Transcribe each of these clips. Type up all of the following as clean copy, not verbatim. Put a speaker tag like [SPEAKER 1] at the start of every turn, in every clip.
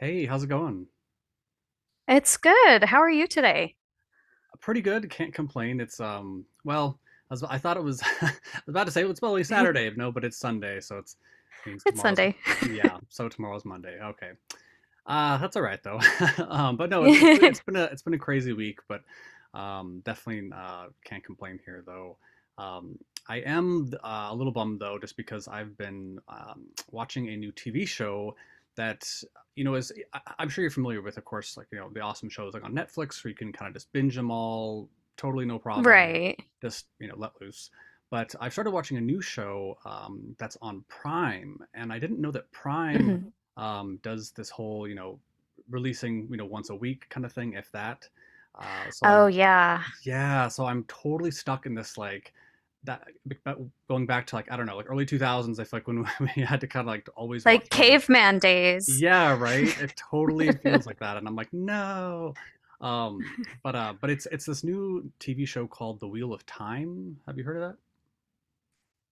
[SPEAKER 1] Hey, how's it going?
[SPEAKER 2] It's good. How are you today?
[SPEAKER 1] Pretty good. Can't complain. It's I thought it was I was about to say well, it's probably Saturday. No, but it's Sunday, so it's means
[SPEAKER 2] It's
[SPEAKER 1] tomorrow's
[SPEAKER 2] Sunday.
[SPEAKER 1] yeah, so tomorrow's Monday. Okay. That's all right though. But no, it's been a crazy week, but definitely can't complain here though. Um, I am a little bummed though, just because I've been watching a new TV show that you know is I'm sure you're familiar with, of course, like the awesome shows like on Netflix where you can kind of just binge them all, totally no problem,
[SPEAKER 2] Right.
[SPEAKER 1] just let loose. But I started watching a new show that's on Prime, and I didn't know that Prime
[SPEAKER 2] Hmm.
[SPEAKER 1] does this whole releasing once a week kind of thing, if that. So
[SPEAKER 2] Oh,
[SPEAKER 1] I'm
[SPEAKER 2] yeah.
[SPEAKER 1] yeah, so I'm totally stuck in this like that but going back to like I don't know like early 2000s. I feel like when we had to kind of like always watch
[SPEAKER 2] Like
[SPEAKER 1] shows.
[SPEAKER 2] caveman days.
[SPEAKER 1] Yeah, right. It totally feels like that, and I'm like no. Um, but it's this new TV show called The Wheel of Time. Have you heard of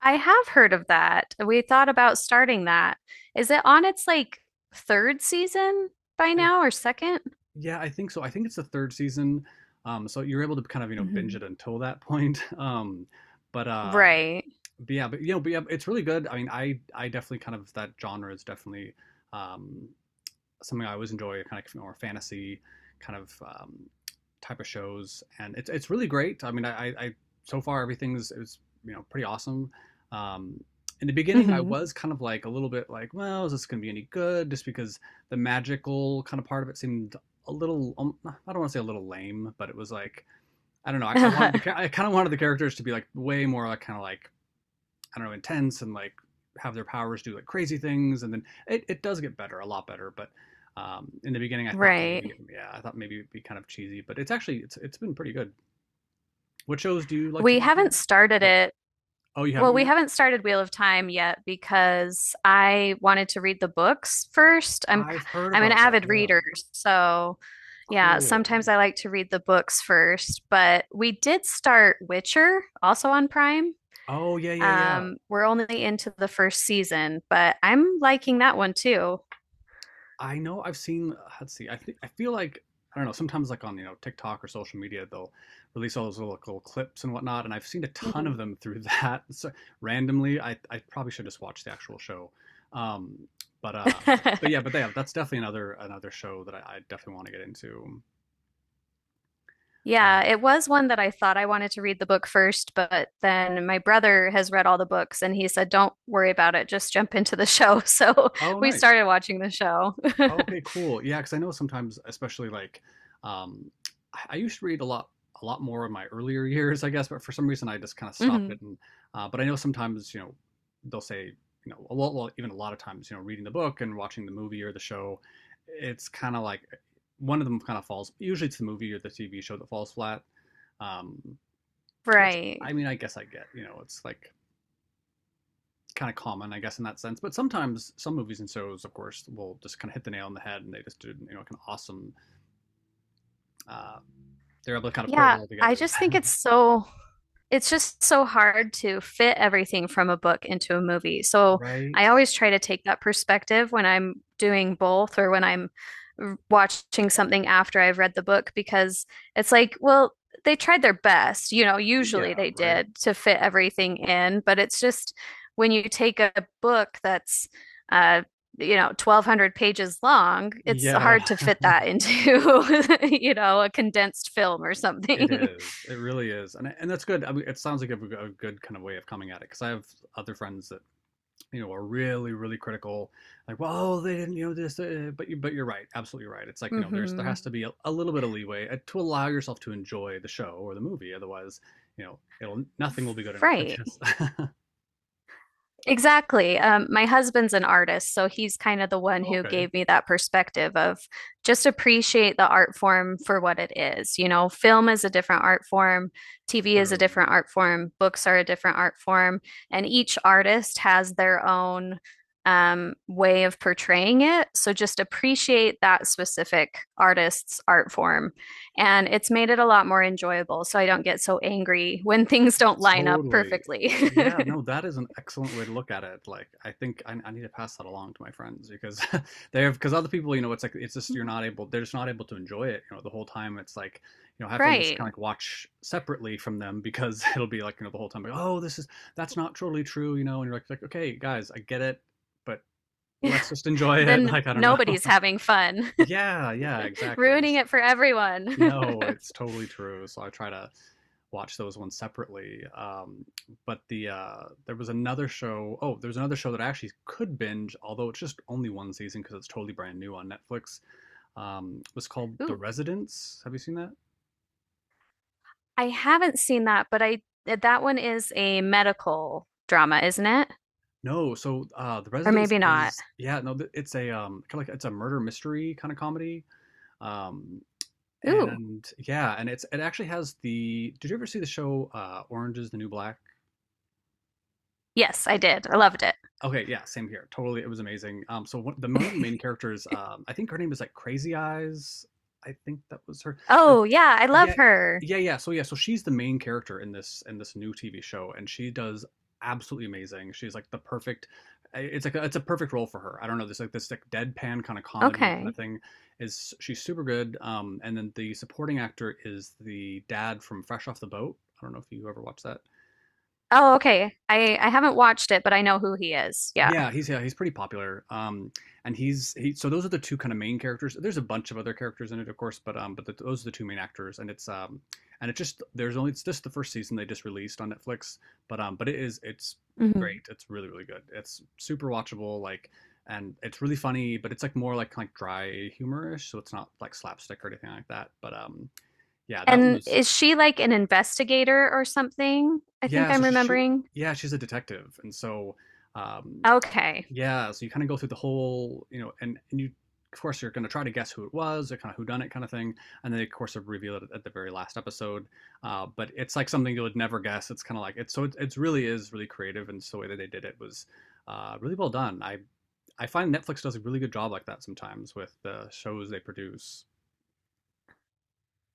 [SPEAKER 2] I have heard of that. We thought about starting that. Is it on its like third season by
[SPEAKER 1] that?
[SPEAKER 2] now or second?
[SPEAKER 1] Yeah, I think so. I think it's the third season. So you're able to kind of, you know, binge it until that point. But uh
[SPEAKER 2] Right.
[SPEAKER 1] but yeah, but you know, but yeah, it's really good. I mean, I definitely kind of that genre is definitely um something I always enjoy, kind of like more fantasy kind of type of shows, and it's really great. I mean, I so far everything's it's pretty awesome. Um, in the beginning, I
[SPEAKER 2] Hmm.
[SPEAKER 1] was kind of like a little bit like, well, is this going to be any good? Just because the magical kind of part of it seemed a little, I don't want to say a little lame, but it was like, I don't know. I wanted I kind of wanted the characters to be like way more like kind of like I don't know, intense and like have their powers do like crazy things. And then it does get better, a lot better. But in the beginning, I thought maybe,
[SPEAKER 2] Right.
[SPEAKER 1] yeah, I thought maybe it'd be kind of cheesy, but it's been pretty good. What shows do you like to
[SPEAKER 2] We
[SPEAKER 1] watch?
[SPEAKER 2] haven't started
[SPEAKER 1] Oh,
[SPEAKER 2] it.
[SPEAKER 1] oh, you
[SPEAKER 2] Well,
[SPEAKER 1] haven't
[SPEAKER 2] we
[SPEAKER 1] yet?
[SPEAKER 2] haven't started Wheel of Time yet because I wanted to read the books first. I'm i
[SPEAKER 1] I've heard
[SPEAKER 2] I'm an
[SPEAKER 1] about those.
[SPEAKER 2] avid
[SPEAKER 1] Yeah.
[SPEAKER 2] reader, so yeah,
[SPEAKER 1] Cool.
[SPEAKER 2] sometimes I like to read the books first, but we did start Witcher also on Prime.
[SPEAKER 1] Oh, yeah, yeah, yeah.
[SPEAKER 2] We're only into the first season, but I'm liking that one too.
[SPEAKER 1] I know I've seen. Let's see. I think I feel like I don't know. Sometimes like on TikTok or social media, they'll release all those little, little clips and whatnot, and I've seen a ton of
[SPEAKER 2] Mhm.
[SPEAKER 1] them through that. So randomly, I probably should just watch the actual show. Um, but yeah, but they have, that's definitely another show that I definitely want to get into.
[SPEAKER 2] Yeah,
[SPEAKER 1] Um,
[SPEAKER 2] it was one that I thought I wanted to read the book first, but then my brother has read all the books and he said, "Don't worry about it, just jump into the show." So
[SPEAKER 1] oh,
[SPEAKER 2] we
[SPEAKER 1] nice.
[SPEAKER 2] started watching the show.
[SPEAKER 1] Okay, cool. Yeah, because I know sometimes, um, I used to read a lot more in my earlier years, I guess, but for some reason I just kind of stopped
[SPEAKER 2] Mhm.
[SPEAKER 1] it. And but I know sometimes, you know, they'll say, you know, a lot, well, even a lot of times, you know, reading the book and watching the movie or the show, it's kind of like one of them kind of falls. Usually, it's the movie or the TV show that falls flat. Um, which
[SPEAKER 2] Right.
[SPEAKER 1] I mean, I guess I get. You know, it's like kind of common, I guess, in that sense. But sometimes some movies and shows, of course, will just kind of hit the nail on the head, and they just did, you know, kind of awesome. Uh, they're able to kind of pull it
[SPEAKER 2] Yeah,
[SPEAKER 1] all
[SPEAKER 2] I
[SPEAKER 1] together,
[SPEAKER 2] just think it's just so hard to fit everything from a book into a movie. So
[SPEAKER 1] right?
[SPEAKER 2] I always try to take that perspective when I'm doing both or when I'm watching something after I've read the book because it's like, well, they tried their best, you know, usually
[SPEAKER 1] Yeah,
[SPEAKER 2] they
[SPEAKER 1] right.
[SPEAKER 2] did to fit everything in, but it's just when you take a book that's uh 1200 pages long. It's
[SPEAKER 1] Yeah,
[SPEAKER 2] hard to fit that into a condensed film or
[SPEAKER 1] it
[SPEAKER 2] something.
[SPEAKER 1] is. It really is, and that's good. I mean, it sounds like a good kind of way of coming at it because I have other friends that you know are really really critical like well they didn't you know this but you're right absolutely right it's like you know there
[SPEAKER 2] Hmm.
[SPEAKER 1] has to be a little bit of leeway to allow yourself to enjoy the show or the movie otherwise you know it'll nothing will be good enough I
[SPEAKER 2] Right.
[SPEAKER 1] guess
[SPEAKER 2] Exactly. My husband's an artist, so he's kind of the one who
[SPEAKER 1] okay
[SPEAKER 2] gave me that perspective of just appreciate the art form for what it is. You know, film is a different art form, TV is a
[SPEAKER 1] true.
[SPEAKER 2] different art form, books are a different art form, and each artist has their own way of portraying it. So just appreciate that specific artist's art form. And it's made it a lot more enjoyable. So I don't get so angry when things don't line up
[SPEAKER 1] Totally.
[SPEAKER 2] perfectly.
[SPEAKER 1] Yeah, no, that is an excellent way to look at it. Like, I think I need to pass that along to my friends because they have, because other people, you know, it's like, it's just, you're not able, they're just not able to enjoy it, you know, the whole time. It's like, you know, I have to almost kind of
[SPEAKER 2] Right.
[SPEAKER 1] like watch separately from them because it'll be like, you know, the whole time, like, oh, that's not totally true, you know, and you're like, okay, guys, I get it, but let's just enjoy it.
[SPEAKER 2] Then
[SPEAKER 1] Like, I don't know.
[SPEAKER 2] nobody's having fun,
[SPEAKER 1] Yeah, yeah, exactly.
[SPEAKER 2] ruining it for everyone.
[SPEAKER 1] No, it's totally true. So I try to watch those ones separately. But the There was another show. Oh, there's another show that I actually could binge, although it's just only one season because it's totally brand new on Netflix. It was called The
[SPEAKER 2] Ooh,
[SPEAKER 1] Residence. Have you seen that?
[SPEAKER 2] I haven't seen that, but I that one is a medical drama, isn't it?
[SPEAKER 1] No. The
[SPEAKER 2] Or
[SPEAKER 1] Residence
[SPEAKER 2] maybe not.
[SPEAKER 1] is yeah. No, it's a kind of like it's a murder mystery kind of comedy. Um,
[SPEAKER 2] Ooh,
[SPEAKER 1] and yeah, and it's it actually has the. Did you ever see the show Orange is the New Black?
[SPEAKER 2] yes, I did. I loved it.
[SPEAKER 1] Okay, yeah, same here. Totally, it was amazing. So one, the one of the main characters, I think her name is like Crazy Eyes. I think that was her. Like,
[SPEAKER 2] Oh, yeah, I love
[SPEAKER 1] yeah,
[SPEAKER 2] her.
[SPEAKER 1] yeah, yeah. So yeah, so she's the main character in this new TV show, and she does absolutely amazing. She's like the perfect. I- It's like it's a perfect role for her. I don't know. This like deadpan kind of comedy kind of
[SPEAKER 2] Okay.
[SPEAKER 1] thing is she's super good. And then the supporting actor is the dad from Fresh Off the Boat. I don't know if you ever watched that.
[SPEAKER 2] Oh, okay. I haven't watched it, but I know who he is. Yeah.
[SPEAKER 1] Yeah, he's pretty popular. And he's he. So those are the two kind of main characters. There's a bunch of other characters in it, of course, but those are the two main actors. And it's just the first season they just released on Netflix. But it's
[SPEAKER 2] Mhm.
[SPEAKER 1] great. It's really really good. It's super watchable. Like, and it's really funny, but it's like more like kind of dry humorish. So it's not like slapstick or anything like that. But yeah, that one
[SPEAKER 2] And
[SPEAKER 1] was
[SPEAKER 2] is she like an investigator or something? I think
[SPEAKER 1] yeah.
[SPEAKER 2] I'm
[SPEAKER 1] She
[SPEAKER 2] remembering.
[SPEAKER 1] yeah, she's a detective, and so. Um,
[SPEAKER 2] Okay.
[SPEAKER 1] Yeah, so you kind of go through the whole, you know, and you, of course, you're going to try to guess who it was, or kind of who done it kind of thing, and then they, of course they reveal it at the very last episode. But it's like something you would never guess. It's kind of like it's so it, it's really is really creative, and so the way that they did it was really well done. I find Netflix does a really good job like that sometimes with the shows they produce.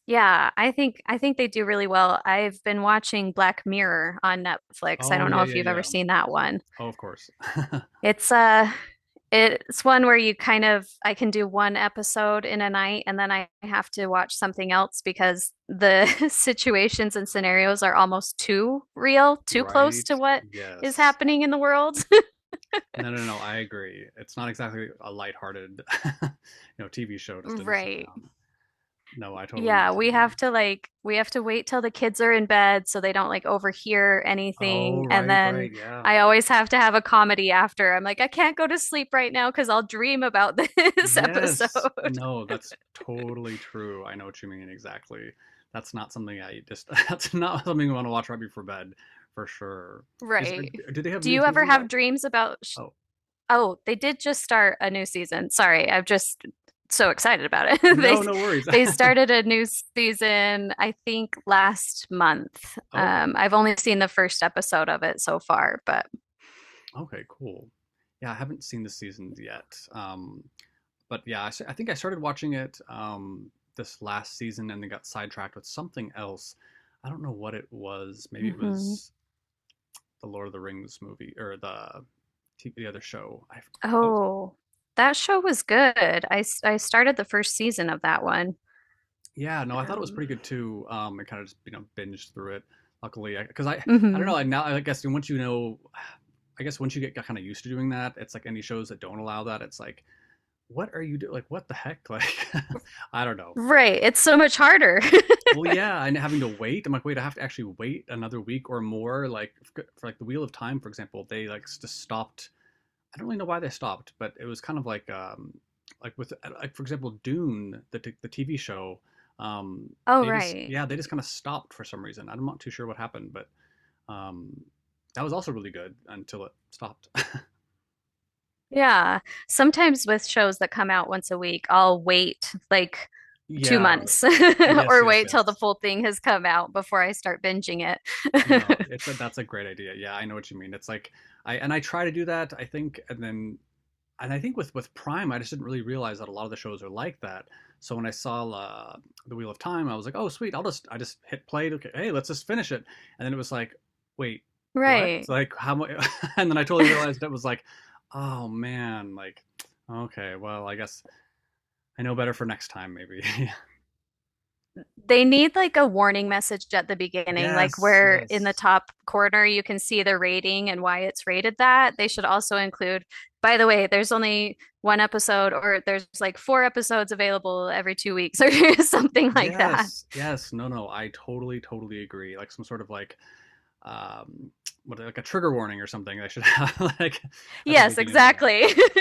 [SPEAKER 2] Yeah, I think they do really well. I've been watching Black Mirror on Netflix. I
[SPEAKER 1] Oh
[SPEAKER 2] don't know
[SPEAKER 1] yeah,
[SPEAKER 2] if
[SPEAKER 1] yeah,
[SPEAKER 2] you've ever
[SPEAKER 1] yeah.
[SPEAKER 2] seen that one.
[SPEAKER 1] Oh, of course.
[SPEAKER 2] It's uh it's one where you kind of I can do one episode in a night and then I have to watch something else because the situations and scenarios are almost too real, too close
[SPEAKER 1] Right?
[SPEAKER 2] to what is
[SPEAKER 1] Yes.
[SPEAKER 2] happening in the world.
[SPEAKER 1] No, no, no. I agree. It's not exactly a lighthearted, you know, TV show just to sit
[SPEAKER 2] Right.
[SPEAKER 1] down. No, I totally know
[SPEAKER 2] Yeah,
[SPEAKER 1] what you
[SPEAKER 2] we
[SPEAKER 1] mean.
[SPEAKER 2] have to like we have to wait till the kids are in bed so they don't like overhear
[SPEAKER 1] Oh,
[SPEAKER 2] anything. And
[SPEAKER 1] right, right,
[SPEAKER 2] then
[SPEAKER 1] yeah.
[SPEAKER 2] I always have to have a comedy after. I'm like, I can't go to sleep right now because I'll dream about this
[SPEAKER 1] Yes.
[SPEAKER 2] episode.
[SPEAKER 1] No, that's totally true. I know what you mean exactly. That's not something I just that's not something I want to watch right before bed, for sure. Is are-
[SPEAKER 2] Right.
[SPEAKER 1] do they have
[SPEAKER 2] Do
[SPEAKER 1] new
[SPEAKER 2] you ever
[SPEAKER 1] seasons
[SPEAKER 2] have
[SPEAKER 1] out?
[SPEAKER 2] dreams about sh—
[SPEAKER 1] Oh.
[SPEAKER 2] Oh, they did just start a new season. Sorry, I'm just so excited about it. They
[SPEAKER 1] No, no worries.
[SPEAKER 2] they started a new season, I think last month.
[SPEAKER 1] Okay.
[SPEAKER 2] I've only seen the first episode of it so far, but.
[SPEAKER 1] Okay, cool. Yeah, I haven't seen the seasons yet. But yeah, I think I started watching it this last season and then got sidetracked with something else. I don't know what it was. Maybe it
[SPEAKER 2] Mhm.
[SPEAKER 1] was the Lord of the Rings movie or the other show. Oh.
[SPEAKER 2] Oh, that show was good. I started the first season of that one.
[SPEAKER 1] Yeah, no, I thought it was
[SPEAKER 2] Um,
[SPEAKER 1] pretty good too. I kind of just you know binged through it. Luckily, because I don't know.
[SPEAKER 2] hmm.
[SPEAKER 1] I now I guess once you know, I guess once you get kind of used to doing that, it's like any shows that don't allow that. It's like what are you doing? Like what the heck? Like I don't know.
[SPEAKER 2] Right. It's so much harder.
[SPEAKER 1] Well, yeah, and having to wait. I'm like, wait, I have to actually wait another week or more. Like for like the Wheel of Time, for example, they like just stopped I don't really know why they stopped, but it was kind of like with like for example Dune, the the TV show. Um,
[SPEAKER 2] Oh,
[SPEAKER 1] they just
[SPEAKER 2] right.
[SPEAKER 1] yeah they just kind of stopped for some reason. I'm not too sure what happened, but um, that was also really good until it stopped.
[SPEAKER 2] Yeah. Sometimes with shows that come out once a week, I'll wait like two
[SPEAKER 1] Yeah.
[SPEAKER 2] months
[SPEAKER 1] Yes,
[SPEAKER 2] or
[SPEAKER 1] yes,
[SPEAKER 2] wait till the
[SPEAKER 1] yes.
[SPEAKER 2] full thing has come out before I start binging
[SPEAKER 1] No,
[SPEAKER 2] it.
[SPEAKER 1] it's a that's a great idea. Yeah, I know what you mean. It's like I and I try to do that, I think, and then and I think with Prime, I just didn't really realize that a lot of the shows are like that. So when I saw the Wheel of Time, I was like, oh sweet, I just hit play. Okay, hey, let's just finish it. And then it was like, wait, what? It's
[SPEAKER 2] Right.
[SPEAKER 1] like how much? And then I totally realized it was like, oh man, like okay, well I guess I know better for next time maybe.
[SPEAKER 2] They need like a warning message at the beginning, like
[SPEAKER 1] yes,
[SPEAKER 2] where in the
[SPEAKER 1] yes.
[SPEAKER 2] top corner you can see the rating and why it's rated that. They should also include, by the way, there's only one episode or there's like four episodes available every 2 weeks or something like that.
[SPEAKER 1] Yes, yes, no, no, I totally, totally agree. Like some sort of like, um, what like a trigger warning or something. I should have like at the
[SPEAKER 2] Yes,
[SPEAKER 1] beginning of that.
[SPEAKER 2] exactly.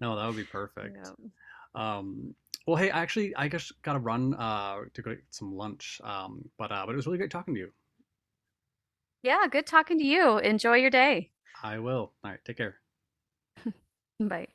[SPEAKER 1] No, that would be perfect.
[SPEAKER 2] Yeah.
[SPEAKER 1] Um, well, hey, actually, I guess gotta run to go get some lunch. But it was really great talking to you.
[SPEAKER 2] Yeah, good talking to you. Enjoy your day.
[SPEAKER 1] I will. All right, take care.
[SPEAKER 2] Bye.